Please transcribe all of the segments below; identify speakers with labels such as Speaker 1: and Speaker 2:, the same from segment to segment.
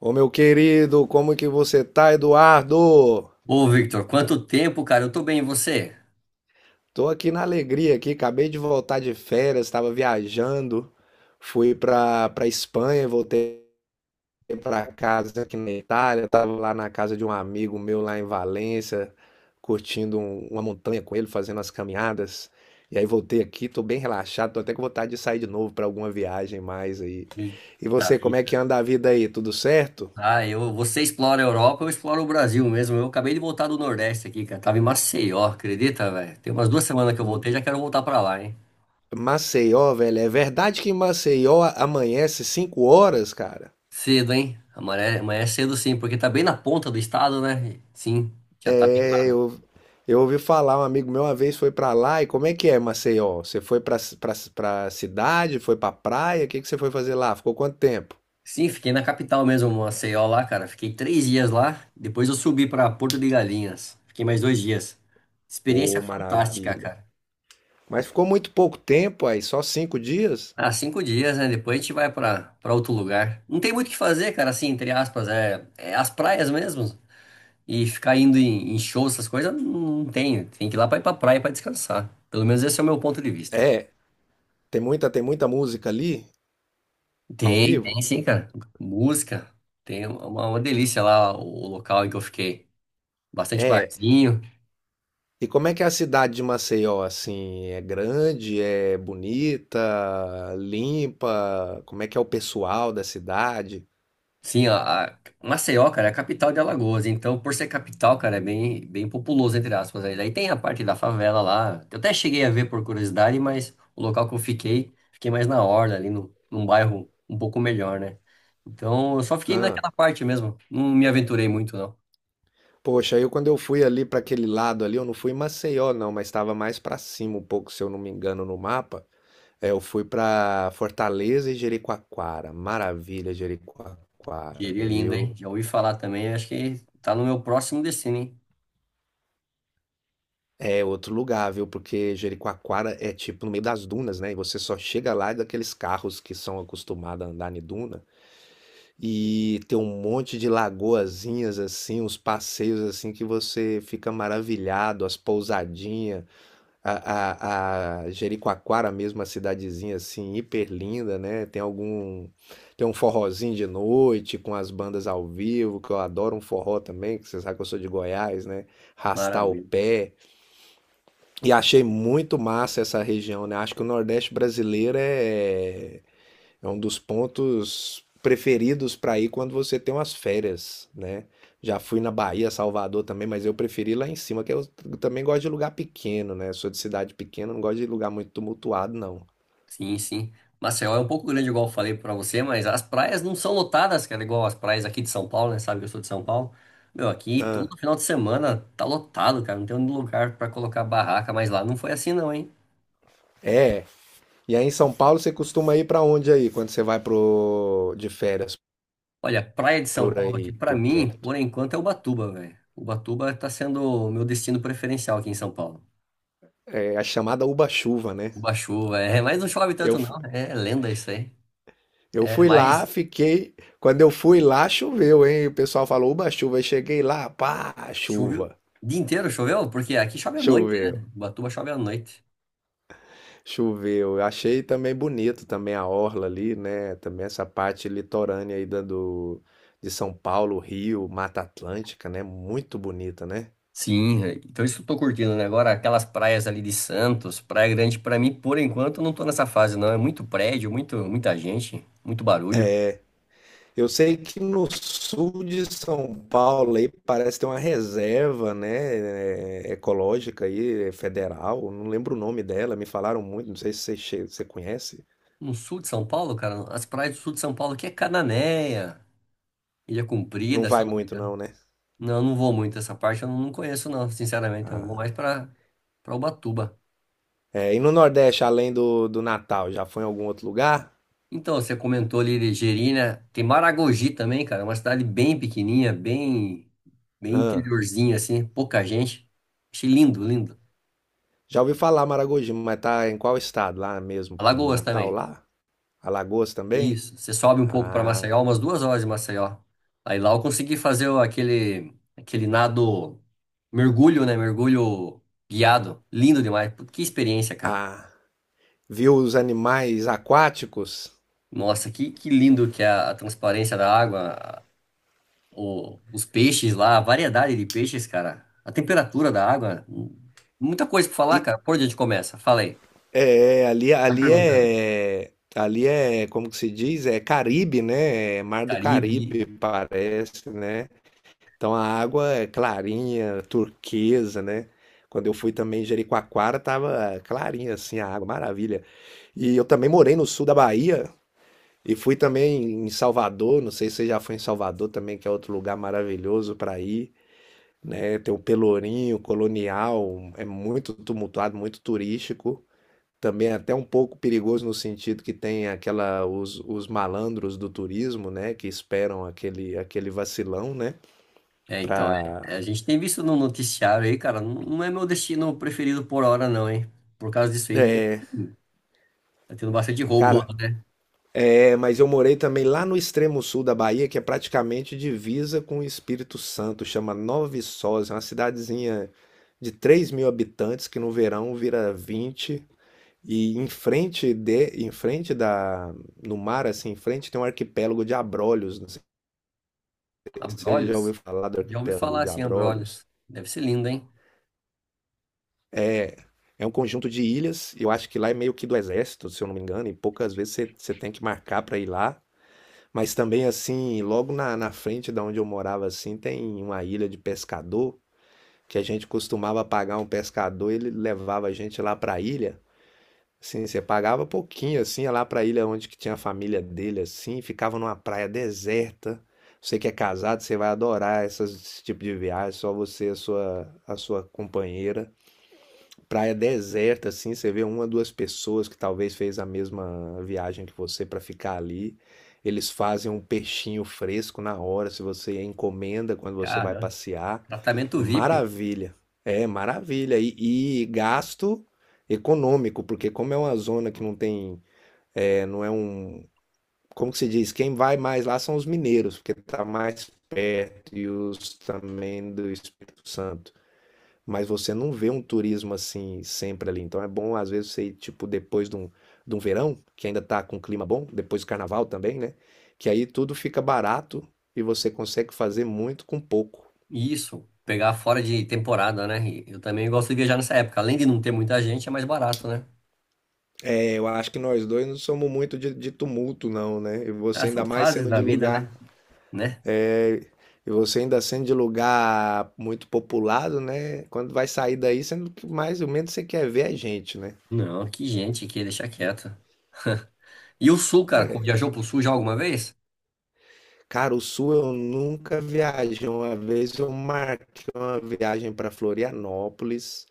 Speaker 1: Ô meu querido, como que você tá, Eduardo?
Speaker 2: Ô, Victor, quanto tempo, cara? Eu tô bem, e você?
Speaker 1: Tô aqui na alegria aqui, acabei de voltar de férias, estava viajando, fui pra para Espanha, voltei pra casa aqui na Itália, tava lá na casa de um amigo meu lá em Valência, curtindo uma montanha com ele, fazendo as caminhadas. E aí voltei aqui, tô bem relaxado, tô até com vontade de sair de novo pra alguma viagem mais aí. E
Speaker 2: Eita
Speaker 1: você, como é que
Speaker 2: vida.
Speaker 1: anda a vida aí? Tudo certo?
Speaker 2: Ah, eu, você explora a Europa, eu exploro o Brasil mesmo. Eu acabei de voltar do Nordeste aqui, cara. Tava em Maceió, acredita, velho? Tem umas duas semanas que eu voltei, já quero voltar pra lá, hein?
Speaker 1: Maceió, velho, é verdade que em Maceió amanhece 5 horas, cara?
Speaker 2: Cedo, hein? Amanhã é cedo sim, porque tá bem na ponta do estado, né? Sim, já tá bem
Speaker 1: É,
Speaker 2: lá.
Speaker 1: eu ouvi falar, um amigo meu uma vez foi pra lá, e como é que é Maceió? Você foi pra cidade, foi pra praia, o que que você foi fazer lá? Ficou quanto tempo?
Speaker 2: Sim, fiquei na capital mesmo, Maceió lá, cara. Fiquei três dias lá, depois eu subi pra Porto de Galinhas. Fiquei mais dois dias. Experiência
Speaker 1: Ô,
Speaker 2: fantástica,
Speaker 1: maravilha.
Speaker 2: cara.
Speaker 1: Mas ficou muito pouco tempo aí, só 5 dias?
Speaker 2: Há cinco dias, né? Depois a gente vai pra para outro lugar. Não tem muito o que fazer, cara, assim, entre aspas. É as praias mesmo. E ficar indo em shows, essas coisas, não tem. Tem que ir lá pra ir pra praia pra descansar. Pelo menos esse é o meu ponto de vista.
Speaker 1: É, tem muita música ali, ao
Speaker 2: Tem,
Speaker 1: vivo?
Speaker 2: tem sim, cara. Música. Tem uma delícia lá o local em que eu fiquei. Bastante
Speaker 1: É,
Speaker 2: barzinho.
Speaker 1: e como é que é a cidade de Maceió, assim? É grande, é bonita, limpa? Como é que é o pessoal da cidade?
Speaker 2: Sim, a Maceió, cara, é a capital de Alagoas. Então, por ser capital, cara, é bem populoso, entre aspas. Aí daí tem a parte da favela lá. Eu até cheguei a ver por curiosidade, mas o local que eu fiquei, fiquei mais na orla, ali no, num bairro um pouco melhor, né? Então, eu só fiquei
Speaker 1: Ah,
Speaker 2: naquela parte mesmo. Não me aventurei muito, não.
Speaker 1: poxa, eu quando eu fui ali para aquele lado ali, eu não fui em Maceió não, mas estava mais para cima um pouco, se eu não me engano, no mapa. É, eu fui para Fortaleza e Jericoacoara. Maravilha, Jericoacoara,
Speaker 2: Diria lindo, hein?
Speaker 1: viu?
Speaker 2: Já ouvi falar também, acho que tá no meu próximo destino, hein?
Speaker 1: É outro lugar, viu? Porque Jericoacoara é tipo no meio das dunas, né? E você só chega lá daqueles carros que são acostumados a andar em duna. E tem um monte de lagoazinhas assim, uns passeios assim que você fica maravilhado, as pousadinhas, a Jericoacoara mesmo, a cidadezinha assim, hiper linda, né? Tem algum, tem um forrozinho de noite com as bandas ao vivo, que eu adoro um forró também, que você sabe que eu sou de Goiás, né? Rastar o
Speaker 2: Maravilha.
Speaker 1: pé. E achei muito massa essa região, né? Acho que o Nordeste brasileiro é um dos pontos preferidos para ir quando você tem umas férias, né? Já fui na Bahia, Salvador também, mas eu preferi lá em cima, que eu também gosto de lugar pequeno, né? Sou de cidade pequena, não gosto de lugar muito tumultuado, não.
Speaker 2: Sim, sim. Maceió é um pouco grande, igual eu falei pra você, mas as praias não são lotadas, cara, igual as praias aqui de São Paulo, né? Sabe que eu sou de São Paulo. Meu, aqui
Speaker 1: Ah,
Speaker 2: todo final de semana tá lotado, cara. Não tem um lugar pra colocar barraca, mas lá não foi assim, não, hein?
Speaker 1: é. E aí em São Paulo você costuma ir para onde aí, quando você vai pro de férias
Speaker 2: Olha, praia de São
Speaker 1: por
Speaker 2: Paulo aqui,
Speaker 1: aí,
Speaker 2: pra
Speaker 1: por
Speaker 2: mim,
Speaker 1: perto?
Speaker 2: por enquanto, é Ubatuba, velho. Ubatuba tá sendo o meu destino preferencial aqui em São Paulo.
Speaker 1: É a chamada Uba-chuva, né?
Speaker 2: Uba-chuva, é, mas não chove
Speaker 1: Eu,
Speaker 2: tanto, não. É lenda isso aí.
Speaker 1: eu
Speaker 2: É,
Speaker 1: fui lá,
Speaker 2: mas
Speaker 1: fiquei. Quando eu fui lá, choveu, hein? O pessoal falou Uba-chuva. Eu cheguei lá, pá,
Speaker 2: choveu.
Speaker 1: chuva.
Speaker 2: O dia inteiro choveu? Porque aqui chove à noite,
Speaker 1: Choveu.
Speaker 2: né? Ubatuba chove à noite.
Speaker 1: Choveu. Eu achei também bonito também a orla ali, né? Também essa parte litorânea aí da do de São Paulo, Rio, Mata Atlântica, né? Muito bonita, né?
Speaker 2: Sim, velho. Então isso que eu tô curtindo, né? Agora, aquelas praias ali de Santos, Praia Grande, pra mim, por enquanto, eu não tô nessa fase, não. É muito prédio, muita gente, muito barulho.
Speaker 1: Eu sei que no sul de São Paulo aí parece ter uma reserva, né, ecológica aí, é federal, não lembro o nome dela, me falaram muito, não sei se você, você conhece.
Speaker 2: No sul de São Paulo, cara, as praias do sul de São Paulo aqui é Cananéia, Ilha
Speaker 1: Não
Speaker 2: Comprida, se
Speaker 1: vai
Speaker 2: eu não me
Speaker 1: muito
Speaker 2: engano.
Speaker 1: não, né?
Speaker 2: Não, eu não vou muito essa parte, eu não conheço, não, sinceramente. Eu vou
Speaker 1: Ah.
Speaker 2: mais pra Ubatuba.
Speaker 1: É, e no Nordeste, além do, do Natal, já foi em algum outro lugar?
Speaker 2: Então, você comentou ali de Gerina, tem Maragogi também, cara, uma cidade bem pequenininha, bem
Speaker 1: Ah.
Speaker 2: interiorzinha, assim, pouca gente. Achei lindo, lindo.
Speaker 1: Já ouvi falar Maragogi, mas tá em qual estado? Lá mesmo, em
Speaker 2: Alagoas
Speaker 1: Natal,
Speaker 2: também.
Speaker 1: lá? Alagoas também?
Speaker 2: Isso. Você sobe um pouco para
Speaker 1: Ah,
Speaker 2: Maceió, umas duas horas de Maceió. Aí lá eu consegui fazer aquele nado, mergulho, né? Mergulho guiado. Lindo demais. Putz, que experiência, cara.
Speaker 1: ah. Viu os animais aquáticos?
Speaker 2: Nossa, que lindo que é a transparência da água, os peixes lá, a variedade de peixes, cara. A temperatura da água. Muita coisa pra falar,
Speaker 1: E,
Speaker 2: cara. Por onde a gente começa? Fala aí.
Speaker 1: ali,
Speaker 2: Tá perguntando.
Speaker 1: ali é, como que se diz? É Caribe, né? É Mar do
Speaker 2: Caribe.
Speaker 1: Caribe, parece, né? Então a água é clarinha, turquesa, né? Quando eu fui também em Jericoacoara, tava clarinha assim a água, maravilha. E eu também morei no sul da Bahia, e fui também em Salvador, não sei se você já foi em Salvador também, que é outro lugar maravilhoso para ir, né? Tem o Pelourinho, Colonial, é muito tumultuado, muito turístico. Também é até um pouco perigoso no sentido que tem aquela os malandros do turismo, né, que esperam aquele vacilão, né,
Speaker 2: É, então, é, a
Speaker 1: para
Speaker 2: gente tem visto no noticiário aí, cara, não é meu destino preferido por hora, não, hein? Por causa disso aí,
Speaker 1: é,
Speaker 2: hum, tá tendo bastante roubo lá.
Speaker 1: cara, é, mas eu morei também lá no extremo sul da Bahia, que é praticamente divisa com o Espírito Santo, chama Nova Viçosa, é uma cidadezinha de 3 mil habitantes que no verão vira 20. E em frente de, em frente da, no mar, assim, em frente tem um arquipélago de Abrolhos. Não sei se você já
Speaker 2: Abrolhos?
Speaker 1: ouviu falar do
Speaker 2: Já ouvi
Speaker 1: arquipélago
Speaker 2: falar
Speaker 1: de
Speaker 2: assim,
Speaker 1: Abrolhos.
Speaker 2: Abrolhos. Deve ser lindo, hein?
Speaker 1: É, é um conjunto de ilhas. Eu acho que lá é meio que do exército, se eu não me engano, e poucas vezes você, você tem que marcar para ir lá. Mas também assim, logo na frente da onde eu morava assim, tem uma ilha de pescador que a gente costumava pagar um pescador, ele levava a gente lá para a ilha. Assim, você pagava pouquinho assim, ia lá para a ilha onde que tinha a família dele assim, ficava numa praia deserta. Você que é casado, você vai adorar esse tipo de viagem, só você e a sua companheira, praia deserta, assim, você vê uma, duas pessoas que talvez fez a mesma viagem que você para ficar ali. Eles fazem um peixinho fresco na hora, se você encomenda quando você vai
Speaker 2: Cara,
Speaker 1: passear.
Speaker 2: tratamento VIP,
Speaker 1: Maravilha. É, maravilha. E gasto econômico, porque como é uma zona que não tem, é, não é um, como que se diz? Quem vai mais lá são os mineiros, porque tá mais perto e os também do Espírito Santo. Mas você não vê um turismo assim sempre ali. Então é bom, às vezes, você ir, tipo, depois de um, verão, que ainda tá com clima bom, depois do carnaval também, né? Que aí tudo fica barato e você consegue fazer muito com pouco.
Speaker 2: isso, pegar fora de temporada, né? E eu também gosto de viajar nessa época. Além de não ter muita gente, é mais barato, né?
Speaker 1: É, eu acho que nós dois não somos muito de tumulto, não, né? E
Speaker 2: Ah,
Speaker 1: você ainda
Speaker 2: são
Speaker 1: mais
Speaker 2: fases
Speaker 1: sendo
Speaker 2: da
Speaker 1: de
Speaker 2: vida,
Speaker 1: lugar.
Speaker 2: né? Né?
Speaker 1: É, e você ainda sendo de lugar muito populado, né? Quando vai sair daí, sendo que mais ou menos você quer ver a gente, né?
Speaker 2: Não, que gente aqui, deixa quieto. E o Sul, cara, viajou pro Sul já alguma vez?
Speaker 1: Cara, o Sul eu nunca viajei. Uma vez eu marquei uma viagem para Florianópolis,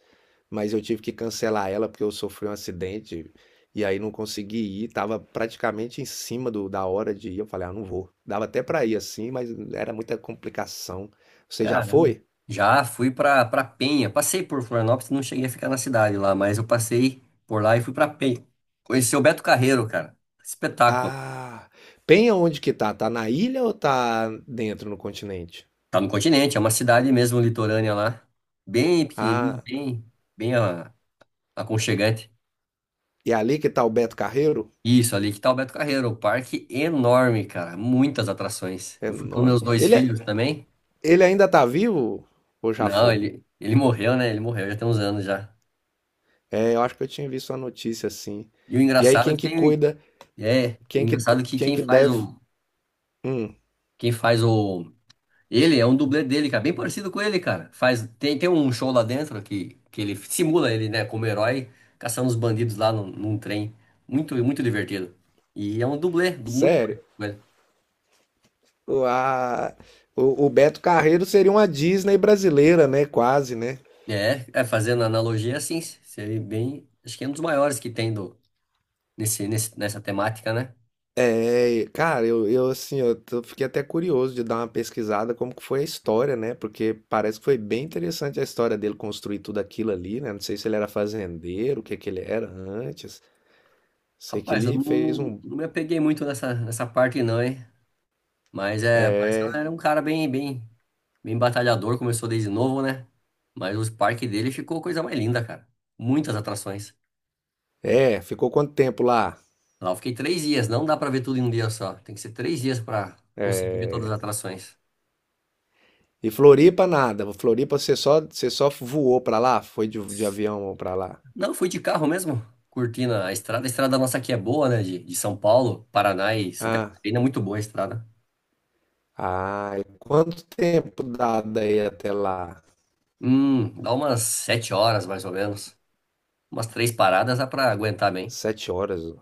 Speaker 1: mas eu tive que cancelar ela porque eu sofri um acidente e aí não consegui ir. Tava praticamente em cima da hora de ir. Eu falei, ah, não vou. Dava até para ir assim, mas era muita complicação. Você já
Speaker 2: Caramba.
Speaker 1: foi?
Speaker 2: Já fui pra Penha. Passei por Florianópolis, não cheguei a ficar na cidade lá, mas eu passei por lá e fui pra Penha. Conheci o Beto Carreiro, cara. Espetáculo.
Speaker 1: Ah, Penha onde que tá? Tá na ilha ou tá dentro no continente?
Speaker 2: Tá no continente, é uma cidade mesmo litorânea lá. Bem pequenininha,
Speaker 1: Ah,
Speaker 2: bem aconchegante.
Speaker 1: e é ali que tá o Beto Carreiro?
Speaker 2: Isso, ali que tá o Beto Carreiro. O parque enorme, cara. Muitas atrações.
Speaker 1: É
Speaker 2: Eu fui com
Speaker 1: enorme.
Speaker 2: meus dois filhos também.
Speaker 1: Ele ainda tá vivo ou já
Speaker 2: Não,
Speaker 1: foi?
Speaker 2: ele morreu, né? Ele morreu já tem uns anos já.
Speaker 1: É, eu acho que eu tinha visto uma notícia assim.
Speaker 2: E o
Speaker 1: E aí
Speaker 2: engraçado é
Speaker 1: quem
Speaker 2: que
Speaker 1: que
Speaker 2: tem.
Speaker 1: cuida,
Speaker 2: É, o
Speaker 1: quem que,
Speaker 2: engraçado é que
Speaker 1: quem
Speaker 2: quem
Speaker 1: que
Speaker 2: faz
Speaker 1: deve.
Speaker 2: o.
Speaker 1: Hum,
Speaker 2: Quem faz o ele é um dublê dele, cara, bem parecido com ele, cara. Faz, tem um show lá dentro que ele simula ele, né, como herói, caçando os bandidos lá num trem. Muito divertido. E é um dublê, muito
Speaker 1: sério,
Speaker 2: parecido com ele.
Speaker 1: o, a- o Beto Carreiro seria uma Disney brasileira, né? Quase, né?
Speaker 2: Fazendo analogia assim, seria bem. Acho que é um dos maiores que tem do, nessa temática, né?
Speaker 1: É, cara, eu assim, eu fiquei até curioso de dar uma pesquisada como que foi a história, né? Porque parece que foi bem interessante a história dele construir tudo aquilo ali, né? Não sei se ele era fazendeiro, o que que ele era antes. Sei que
Speaker 2: Rapaz, eu
Speaker 1: ele fez um.
Speaker 2: não me apeguei muito nessa parte, não, hein? Mas é, parece que ela era um cara bem, bem. Bem batalhador, começou desde novo, né? Mas o parque dele ficou coisa mais linda, cara. Muitas atrações.
Speaker 1: É, ficou quanto tempo lá?
Speaker 2: Lá eu fiquei três dias, não dá pra ver tudo em um dia só. Tem que ser três dias pra conseguir ver todas as atrações.
Speaker 1: E Floripa nada. Floripa você só voou pra lá? Foi de avião pra lá?
Speaker 2: Não, fui de carro mesmo, curtindo a estrada. A estrada nossa aqui é boa, né? De São Paulo, Paraná e Santa
Speaker 1: Ah,
Speaker 2: Catarina, é muito boa a estrada.
Speaker 1: ah, e quanto tempo dá daí até lá?
Speaker 2: Dá umas sete horas mais ou menos. Umas três paradas dá pra aguentar bem.
Speaker 1: 7 horas.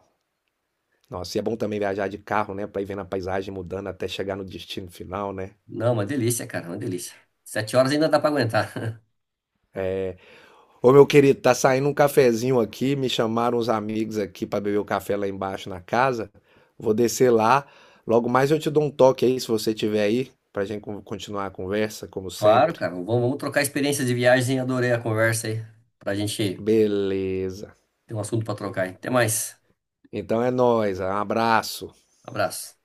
Speaker 1: Nossa, e é bom também viajar de carro, né? Pra ir vendo a paisagem mudando até chegar no destino final, né?
Speaker 2: Não, uma delícia, cara, uma delícia. Sete horas ainda dá pra aguentar.
Speaker 1: Ô, meu querido, tá saindo um cafezinho aqui. Me chamaram uns amigos aqui pra beber o café lá embaixo na casa. Vou descer lá. Logo mais eu te dou um toque aí, se você tiver aí, pra gente continuar a conversa, como
Speaker 2: Claro,
Speaker 1: sempre.
Speaker 2: cara. Vamos trocar experiências de viagem. Adorei a conversa aí. Pra gente
Speaker 1: Beleza.
Speaker 2: ter um assunto pra trocar aí. Até mais.
Speaker 1: Então é nóis, um abraço.
Speaker 2: Abraço.